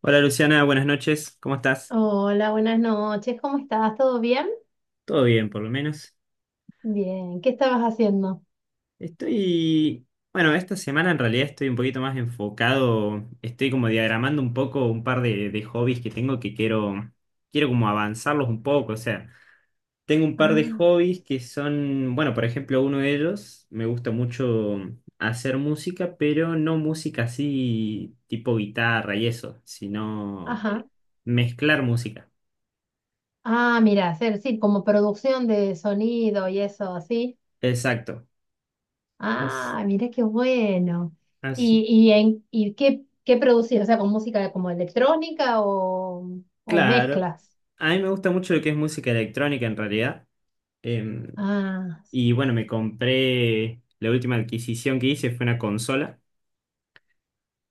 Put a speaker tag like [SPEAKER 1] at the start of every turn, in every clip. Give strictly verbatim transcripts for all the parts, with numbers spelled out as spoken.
[SPEAKER 1] Hola Luciana, buenas noches, ¿cómo estás?
[SPEAKER 2] Hola, buenas noches. ¿Cómo estás? ¿Todo bien?
[SPEAKER 1] Todo bien, por lo menos.
[SPEAKER 2] Bien. ¿Qué estabas haciendo?
[SPEAKER 1] Estoy, bueno, esta semana en realidad estoy un poquito más enfocado, estoy como diagramando un poco un par de, de hobbies que tengo que quiero, quiero como avanzarlos un poco, o sea, tengo un par de
[SPEAKER 2] Ah,
[SPEAKER 1] hobbies que son, bueno, por ejemplo, uno de ellos, me gusta mucho hacer música, pero no música así tipo guitarra y eso, sino eh,
[SPEAKER 2] ajá.
[SPEAKER 1] mezclar música.
[SPEAKER 2] Ah, mira, hacer, sí, como producción de sonido y eso, así.
[SPEAKER 1] Exacto. As-
[SPEAKER 2] Ah, mira qué bueno. ¿Y,
[SPEAKER 1] Así,
[SPEAKER 2] y, en, y qué, qué producís? O sea, con música como electrónica o, o
[SPEAKER 1] claro,
[SPEAKER 2] mezclas.
[SPEAKER 1] a mí me gusta mucho lo que es música electrónica en realidad. Em,
[SPEAKER 2] Ah,
[SPEAKER 1] y bueno, me compré, la última adquisición que hice fue una consola.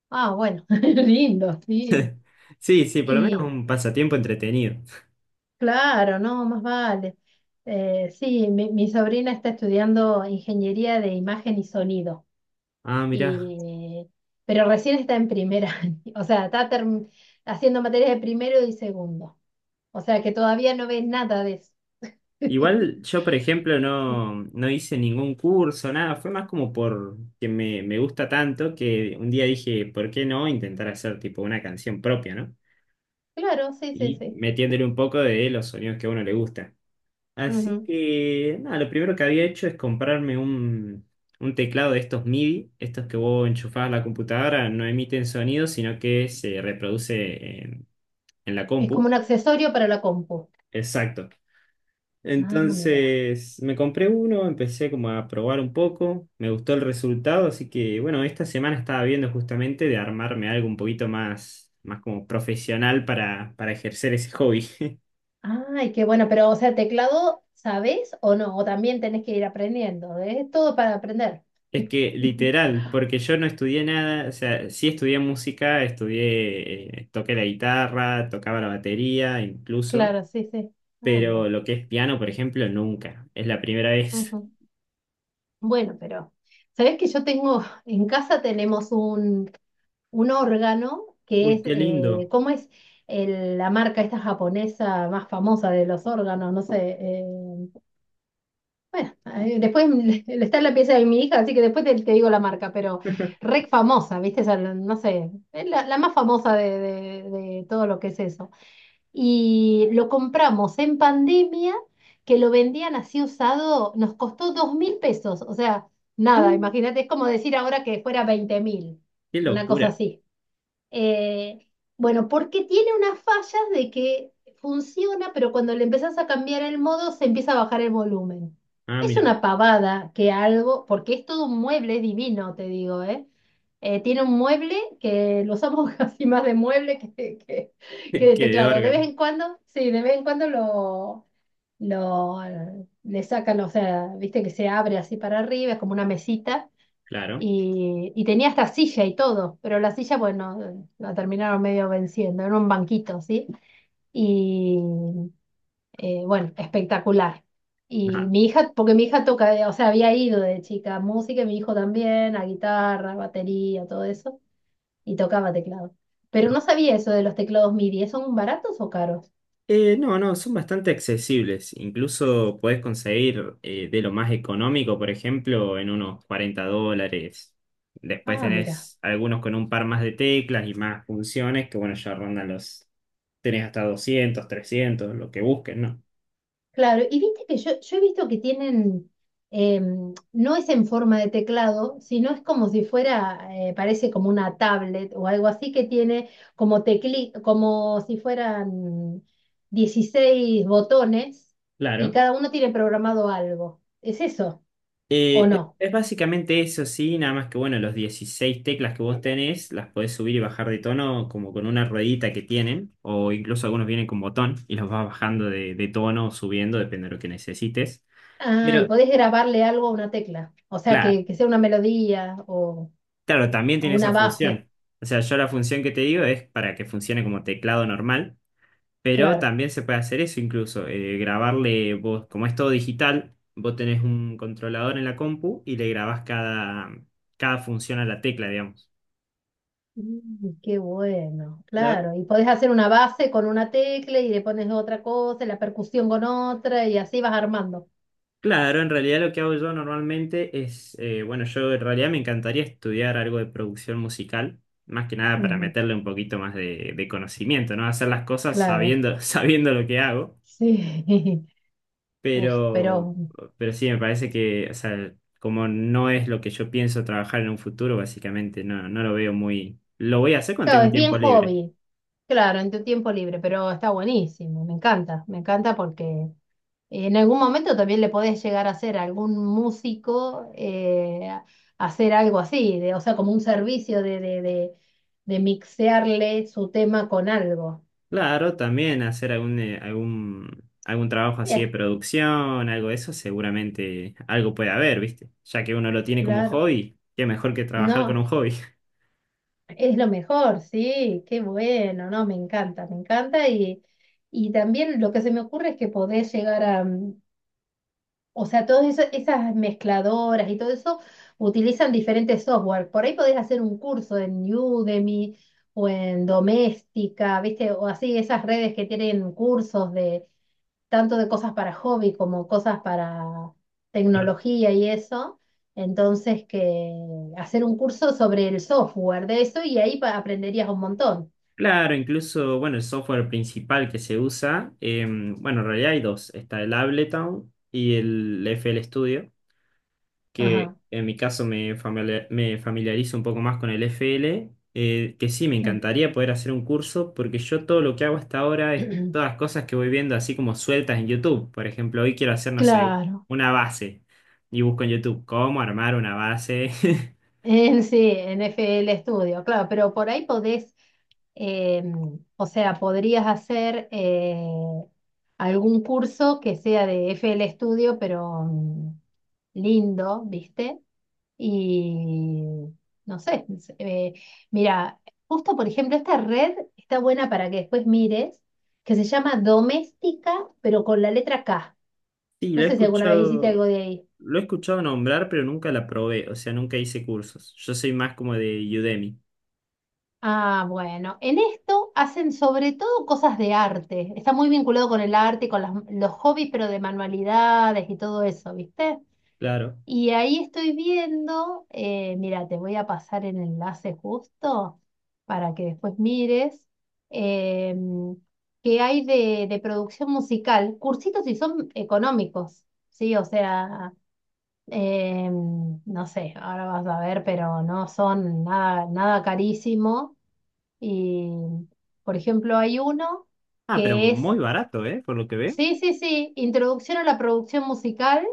[SPEAKER 2] ah, bueno, lindo, sí.
[SPEAKER 1] Sí, sí, por lo menos
[SPEAKER 2] Y
[SPEAKER 1] un pasatiempo entretenido.
[SPEAKER 2] claro, no, más vale. Eh, sí, mi, mi sobrina está estudiando ingeniería de imagen y sonido.
[SPEAKER 1] Ah, mirá.
[SPEAKER 2] Y, pero recién está en primera, o sea, está term- haciendo materias de primero y segundo. O sea que todavía no ves nada de eso.
[SPEAKER 1] Igual yo, por ejemplo, no, no hice ningún curso, nada. Fue más como por que me, me gusta tanto que un día dije: ¿Por qué no intentar hacer tipo una canción propia? ¿No?
[SPEAKER 2] Claro, sí, sí,
[SPEAKER 1] Y
[SPEAKER 2] sí.
[SPEAKER 1] metiéndole un poco de los sonidos que a uno le gusta. Así
[SPEAKER 2] Ujú.
[SPEAKER 1] que, nada, lo primero que había hecho es comprarme un, un teclado de estos MIDI, estos que vos enchufás a la computadora, no emiten sonido, sino que se reproduce en, en la
[SPEAKER 2] Es como
[SPEAKER 1] compu.
[SPEAKER 2] un accesorio para la compu.
[SPEAKER 1] Exacto.
[SPEAKER 2] Ah, mira.
[SPEAKER 1] Entonces, me compré uno, empecé como a probar un poco, me gustó el resultado, así que, bueno, esta semana estaba viendo justamente de armarme algo un poquito más, más como profesional para, para ejercer ese hobby.
[SPEAKER 2] Ay, qué bueno, pero o sea, teclado, ¿sabés o no? O también tenés que ir aprendiendo. ¿Eh? Es todo para aprender.
[SPEAKER 1] Es que literal, porque yo no estudié nada, o sea, sí estudié música, estudié, eh, toqué la guitarra, tocaba la batería incluso,
[SPEAKER 2] Claro, sí, sí. Ah,
[SPEAKER 1] pero
[SPEAKER 2] mira.
[SPEAKER 1] lo que es piano, por ejemplo, nunca. Es la primera vez.
[SPEAKER 2] Ujú. Bueno, pero ¿sabés que yo tengo, en casa tenemos un un órgano que
[SPEAKER 1] Uy,
[SPEAKER 2] es,
[SPEAKER 1] qué
[SPEAKER 2] eh,
[SPEAKER 1] lindo.
[SPEAKER 2] ¿cómo es el- la marca esta japonesa más famosa de los órganos? No sé. eh, bueno, eh, después está en la pieza de mi hija, así que después te, te, digo la marca, pero rec famosa, ¿viste? Esa, no sé, es la, la, más famosa de, de de todo lo que es eso. Y lo compramos en pandemia, que lo vendían así usado, nos costó dos mil pesos, o sea, nada, imagínate, es como decir ahora que fuera veinte mil,
[SPEAKER 1] Qué
[SPEAKER 2] una cosa
[SPEAKER 1] locura.
[SPEAKER 2] así. Eh, bueno, porque tiene unas fallas de que funciona, pero cuando le empezás a cambiar el modo se empieza a bajar el volumen.
[SPEAKER 1] Ah,
[SPEAKER 2] Es
[SPEAKER 1] mira,
[SPEAKER 2] una pavada que algo, porque es todo un mueble divino, te digo, ¿eh? Eh, tiene un mueble que lo usamos casi más de mueble que, que, que de
[SPEAKER 1] qué de
[SPEAKER 2] teclado. De
[SPEAKER 1] órgano,
[SPEAKER 2] vez en cuando, sí, de vez en cuando lo, lo le sacan, o sea, viste que se abre así para arriba, es como una mesita
[SPEAKER 1] claro.
[SPEAKER 2] y, y tenía hasta silla y todo, pero la silla, bueno, eh, la terminaron medio venciendo, era un banquito, ¿sí? Y eh, bueno, espectacular. Y
[SPEAKER 1] Nada.
[SPEAKER 2] mi hija, porque mi hija toca, eh, o sea, había ido de chica a música, y mi hijo también, a guitarra, batería, todo eso, y tocaba teclado. Pero no sabía eso de los teclados MIDI, ¿son baratos o caros?
[SPEAKER 1] Eh, no, no, son bastante accesibles. Incluso podés conseguir eh, de lo más económico, por ejemplo, en unos cuarenta dólares. Después
[SPEAKER 2] Ah, mira.
[SPEAKER 1] tenés algunos con un par más de teclas y más funciones, que bueno, ya rondan los... Tenés hasta doscientos, trescientos, lo que busquen, ¿no?
[SPEAKER 2] Claro, y viste que yo, yo he visto que tienen, em, no es en forma de teclado, sino es como si fuera, eh, parece como una tablet o algo así que tiene como tecli, como si fueran dieciséis botones y
[SPEAKER 1] Claro.
[SPEAKER 2] cada uno tiene programado algo. ¿Es eso o
[SPEAKER 1] Eh, es
[SPEAKER 2] no?
[SPEAKER 1] es básicamente eso, sí, nada más que bueno, los dieciséis teclas que vos tenés las podés subir y bajar de tono como con una ruedita que tienen, o incluso algunos vienen con botón y los vas bajando de, de tono o subiendo, depende de lo que necesites.
[SPEAKER 2] Ah, y
[SPEAKER 1] Pero
[SPEAKER 2] podés grabarle algo a una tecla, o sea,
[SPEAKER 1] claro,
[SPEAKER 2] que, que sea una melodía o,
[SPEAKER 1] claro, también
[SPEAKER 2] o
[SPEAKER 1] tiene esa
[SPEAKER 2] una base.
[SPEAKER 1] función. O sea, yo la función que te digo es para que funcione como teclado normal, pero
[SPEAKER 2] Claro.
[SPEAKER 1] también se puede hacer eso incluso, eh, grabarle vos, como es todo digital, vos tenés un controlador en la compu y le grabás cada, cada función a la tecla, digamos.
[SPEAKER 2] Mm, qué bueno,
[SPEAKER 1] Claro,
[SPEAKER 2] claro. Y podés hacer una base con una tecla y le pones otra cosa, y la percusión con otra, y así vas armando.
[SPEAKER 1] claro, en realidad lo que hago yo normalmente es, eh, bueno, yo en realidad me encantaría estudiar algo de producción musical, más que nada para
[SPEAKER 2] Ujú.
[SPEAKER 1] meterle un poquito más de, de conocimiento, ¿no? Hacer las cosas
[SPEAKER 2] Claro,
[SPEAKER 1] sabiendo, sabiendo lo que hago,
[SPEAKER 2] sí. Uf,
[SPEAKER 1] pero,
[SPEAKER 2] pero
[SPEAKER 1] pero sí me parece que, o sea, como no es lo que yo pienso trabajar en un futuro, básicamente no, no lo veo muy... Lo voy a hacer cuando
[SPEAKER 2] claro,
[SPEAKER 1] tenga un
[SPEAKER 2] es bien
[SPEAKER 1] tiempo libre.
[SPEAKER 2] hobby, claro, en tu tiempo libre, pero está buenísimo, me encanta, me encanta porque en algún momento también le podés llegar a hacer a algún músico, eh, hacer algo así, de, o sea, como un servicio de, de, de de mixearle su tema con algo.
[SPEAKER 1] Claro, también hacer algún, eh, algún, algún trabajo así de
[SPEAKER 2] Sí.
[SPEAKER 1] producción, algo de eso, seguramente algo puede haber, ¿viste? Ya que uno lo tiene como
[SPEAKER 2] Claro,
[SPEAKER 1] hobby, qué mejor que trabajar con un
[SPEAKER 2] no,
[SPEAKER 1] hobby.
[SPEAKER 2] es lo mejor, sí, qué bueno, no, me encanta, me encanta y, y también lo que se me ocurre es que podés llegar a, mm, o sea, todas esa- esas mezcladoras y todo eso utilizan diferentes software, por ahí podés hacer un curso en Udemy o en Doméstica, ¿viste? O así, esas redes que tienen cursos tanto de cosas para hobby como cosas para tecnología y eso. Entonces, que hacer un curso sobre el software de eso y ahí pa- aprenderías un montón.
[SPEAKER 1] Claro, incluso, bueno, el software principal que se usa, em, bueno, en realidad hay dos, está el Ableton y el F L Studio. Que
[SPEAKER 2] Ajá,
[SPEAKER 1] en mi caso me, familia- me familiarizo un poco más con el F L, eh, que sí, me
[SPEAKER 2] sí.
[SPEAKER 1] encantaría poder hacer un curso, porque yo todo lo que hago hasta ahora es todas las cosas que voy viendo así como sueltas en YouTube. Por ejemplo, hoy quiero hacer, no sé,
[SPEAKER 2] Claro.
[SPEAKER 1] una base y busco en YouTube cómo armar una base.
[SPEAKER 2] En sí, en F L Studio, claro, pero por ahí podés, eh, o sea, podrías hacer eh, algún curso que sea de F L Studio, pero mm, lindo, ¿viste? Y no sé, es- eh, mira, justo por ejemplo, esta red está buena para que después mires, que se llama Doméstica, pero con la letra K.
[SPEAKER 1] Sí, lo
[SPEAKER 2] No
[SPEAKER 1] he
[SPEAKER 2] sé si alguna vez hiciste
[SPEAKER 1] escuchado,
[SPEAKER 2] algo de ahí.
[SPEAKER 1] lo he escuchado nombrar, pero nunca la probé, o sea, nunca hice cursos. Yo soy más como de Udemy,
[SPEAKER 2] Ah, bueno, en esto hacen sobre todo cosas de arte. Está muy vinculado con el arte, con las- los hobbies, pero de manualidades y todo eso, ¿viste?
[SPEAKER 1] claro.
[SPEAKER 2] Y ahí estoy viendo, eh, mira, te voy a pasar el enlace justo para que después mires eh, qué hay de, de producción musical, cursitos y son económicos, ¿sí? O sea, eh, no sé, ahora vas a ver, pero no son nada, nada carísimo. Y, por ejemplo, hay uno
[SPEAKER 1] Ah, pero
[SPEAKER 2] que es,
[SPEAKER 1] muy barato, ¿eh? Por lo que veo.
[SPEAKER 2] sí, sí, sí, introducción a la producción musical,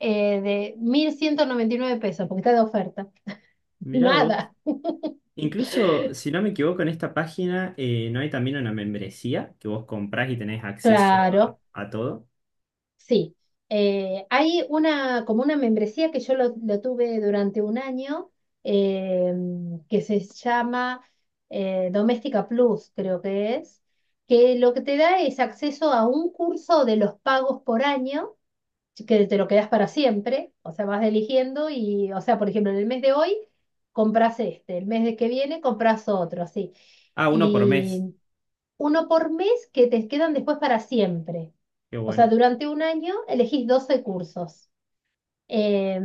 [SPEAKER 2] eh, de mil ciento noventa y nueve pesos, porque está de oferta.
[SPEAKER 1] Mirá vos.
[SPEAKER 2] Nada.
[SPEAKER 1] Incluso, si no me equivoco, en esta página eh, no hay también una membresía que vos comprás y tenés acceso a,
[SPEAKER 2] Claro,
[SPEAKER 1] a todo.
[SPEAKER 2] sí. Eh, hay una, como una membresía que yo lo, lo tuve durante un año, eh, que se llama eh, Doméstica Plus, creo que es, que lo que te da es acceso a un curso de los pagos por año. Sí, que te lo quedas para siempre, o sea, vas eligiendo y, o sea, por ejemplo, en el mes de hoy compras este, el mes de que viene compras otro, así.
[SPEAKER 1] Ah, uno por mes.
[SPEAKER 2] Y uno por mes que te quedan después para siempre.
[SPEAKER 1] Qué
[SPEAKER 2] O sea,
[SPEAKER 1] bueno.
[SPEAKER 2] durante un año elegís doce cursos. Eh,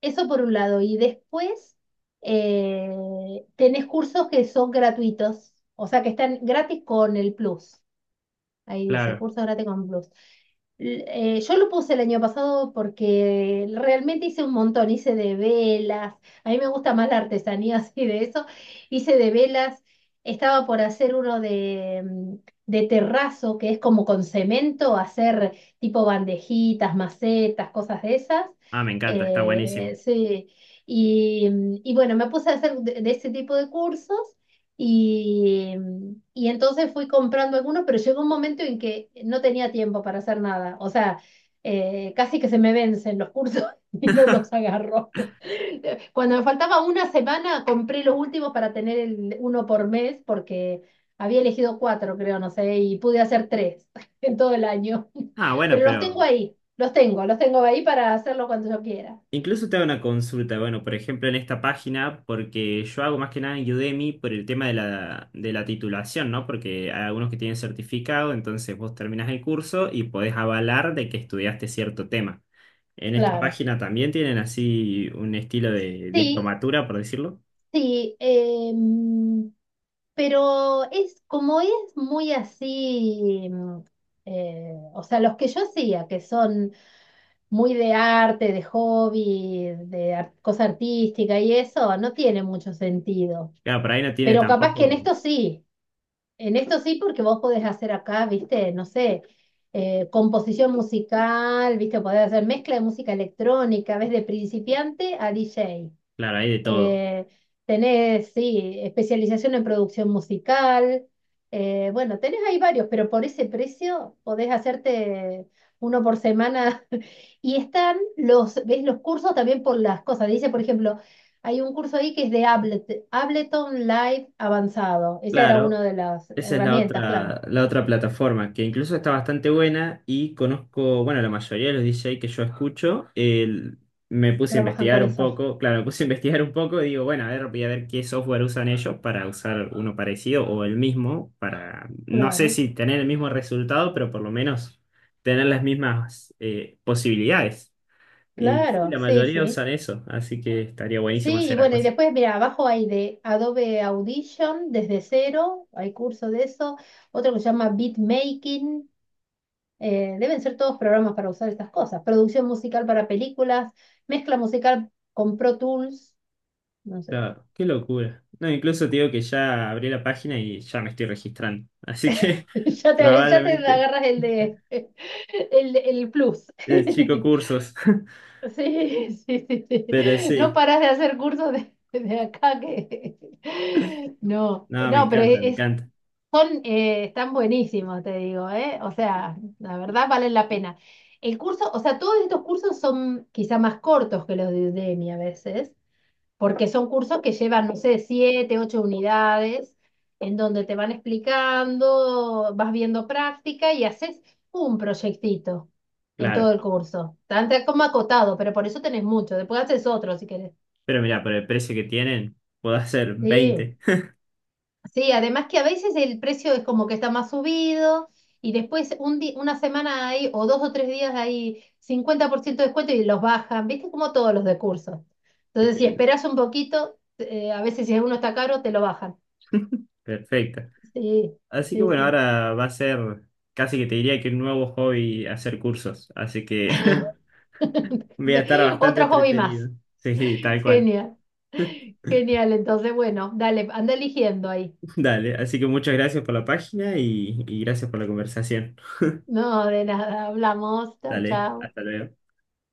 [SPEAKER 2] Eso por un lado. Y después, eh, tenés cursos que son gratuitos, o sea, que están gratis con el plus. Ahí dice,
[SPEAKER 1] Claro.
[SPEAKER 2] curso gratis con Plus. L- eh, yo lo puse el año pasado porque realmente hice un montón, hice de velas, a mí me gusta más la artesanía así de eso, hice de velas, estaba por hacer uno de, mm, de terrazo, que es como con cemento, hacer tipo bandejitas, macetas, cosas de esas.
[SPEAKER 1] Ah, me encanta, está
[SPEAKER 2] Eh,
[SPEAKER 1] buenísimo.
[SPEAKER 2] sí, y, mm, y bueno, me puse a hacer de de ese tipo de cursos. Y, y entonces fui comprando algunos, pero llegó un momento en que no tenía tiempo para hacer nada. O sea, eh, casi que se me vencen los cursos y no los agarro. Cuando me faltaba una semana, compré los últimos para tener el uno por mes, porque había elegido cuatro, creo, no sé, y pude hacer tres en todo el año.
[SPEAKER 1] Ah, bueno,
[SPEAKER 2] Pero los
[SPEAKER 1] pero
[SPEAKER 2] tengo ahí, los tengo, los tengo ahí para hacerlo cuando yo quiera.
[SPEAKER 1] incluso te hago una consulta, bueno, por ejemplo, en esta página, porque yo hago más que nada en Udemy por el tema de la, de la titulación, ¿no? Porque hay algunos que tienen certificado, entonces vos terminás el curso y podés avalar de que estudiaste cierto tema. En esta
[SPEAKER 2] Claro.
[SPEAKER 1] página también tienen así un estilo de
[SPEAKER 2] Sí.
[SPEAKER 1] diplomatura, por decirlo.
[SPEAKER 2] Sí, em, pero es como es muy así, mm, eh, o sea, los que yo hacía, que son muy de arte, de hobby, de ar- cosa artística y eso, no tiene mucho sentido.
[SPEAKER 1] Claro, por ahí no tiene
[SPEAKER 2] Pero capaz que en
[SPEAKER 1] tampoco,
[SPEAKER 2] esto sí, en esto sí, porque vos podés hacer acá, viste, no sé, eh, composición musical, viste, podés hacer mezcla de música electrónica, ves de principiante a D J.
[SPEAKER 1] claro, hay de todo.
[SPEAKER 2] Eh, Tenés, sí, especialización en producción musical. Eh, bueno, tenés ahí varios, pero por ese precio podés hacerte uno por semana. Y están los, ves los cursos también por las cosas. Dice, por ejemplo, hay un curso ahí que es de Ablet- Ableton Live avanzado. Esa era una
[SPEAKER 1] Claro,
[SPEAKER 2] de las
[SPEAKER 1] esa es la
[SPEAKER 2] herramientas, claro.
[SPEAKER 1] otra, la otra plataforma, que incluso está bastante buena y conozco, bueno, la mayoría de los D J que yo escucho, el- me puse a
[SPEAKER 2] Trabajan con
[SPEAKER 1] investigar un
[SPEAKER 2] eso.
[SPEAKER 1] poco, claro, me puse a investigar un poco y digo, bueno, a ver, voy a ver qué software usan ellos para usar uno parecido o el mismo, para, no sé
[SPEAKER 2] Claro,
[SPEAKER 1] si tener el mismo resultado, pero por lo menos tener las mismas eh, posibilidades. Y sí,
[SPEAKER 2] claro,
[SPEAKER 1] la
[SPEAKER 2] sí,
[SPEAKER 1] mayoría
[SPEAKER 2] sí.
[SPEAKER 1] usan eso, así que estaría buenísimo
[SPEAKER 2] Sí, y
[SPEAKER 1] hacer
[SPEAKER 2] bueno,
[SPEAKER 1] algo
[SPEAKER 2] y
[SPEAKER 1] así.
[SPEAKER 2] después, mira, abajo hay de Adobe Audition desde cero, hay curso de eso, otro que se llama Beatmaking, eh, deben ser todos programas para usar estas cosas, producción musical para películas, mezcla musical con Pro Tools, no sé,
[SPEAKER 1] Claro, qué locura. No, incluso te digo que ya abrí la página y ya me estoy registrando. Así que
[SPEAKER 2] ya te, ya te
[SPEAKER 1] probablemente
[SPEAKER 2] agarras el de el, el plus.
[SPEAKER 1] el chico cursos.
[SPEAKER 2] Sí, sí, sí, sí.
[SPEAKER 1] Pero
[SPEAKER 2] No
[SPEAKER 1] sí,
[SPEAKER 2] paras de hacer cursos de, de acá que... No,
[SPEAKER 1] no, me
[SPEAKER 2] no, pero
[SPEAKER 1] encanta, me
[SPEAKER 2] es,
[SPEAKER 1] encanta.
[SPEAKER 2] son, eh, están buenísimos, te digo, ¿eh? O sea, la verdad valen la pena. El curso, o sea, todos estos cursos son quizá más cortos que los de Udemy a veces, porque son cursos que llevan, no sé, siete, ocho unidades, en donde te van explicando, vas viendo práctica y haces un proyectito en
[SPEAKER 1] Claro.
[SPEAKER 2] todo el curso. Tan, tan como acotado, pero por eso tenés mucho. Después haces otro si querés.
[SPEAKER 1] Pero mira, por el precio que tienen, puedo hacer
[SPEAKER 2] Sí.
[SPEAKER 1] veinte.
[SPEAKER 2] Sí, además que a veces el precio es como que está más subido y después un di- una semana hay o dos o tres días hay cincuenta por ciento de descuento y los bajan, ¿viste? Como todos los de cursos.
[SPEAKER 1] Qué
[SPEAKER 2] Entonces, si
[SPEAKER 1] lindo.
[SPEAKER 2] esperas un poquito, eh, a veces si uno está caro, te lo bajan.
[SPEAKER 1] Perfecto.
[SPEAKER 2] Sí,
[SPEAKER 1] Así que
[SPEAKER 2] sí,
[SPEAKER 1] bueno,
[SPEAKER 2] sí.
[SPEAKER 1] ahora va a ser casi que te diría que un nuevo hobby hacer cursos. Así que voy a estar bastante
[SPEAKER 2] Otro hobby más.
[SPEAKER 1] entretenido. Sí, tal cual.
[SPEAKER 2] Genial, genial. Entonces, bueno, dale, anda eligiendo ahí.
[SPEAKER 1] Dale, así que muchas gracias por la página y, y gracias por la conversación.
[SPEAKER 2] No, de nada, hablamos. Chao,
[SPEAKER 1] Dale,
[SPEAKER 2] chao.
[SPEAKER 1] hasta luego.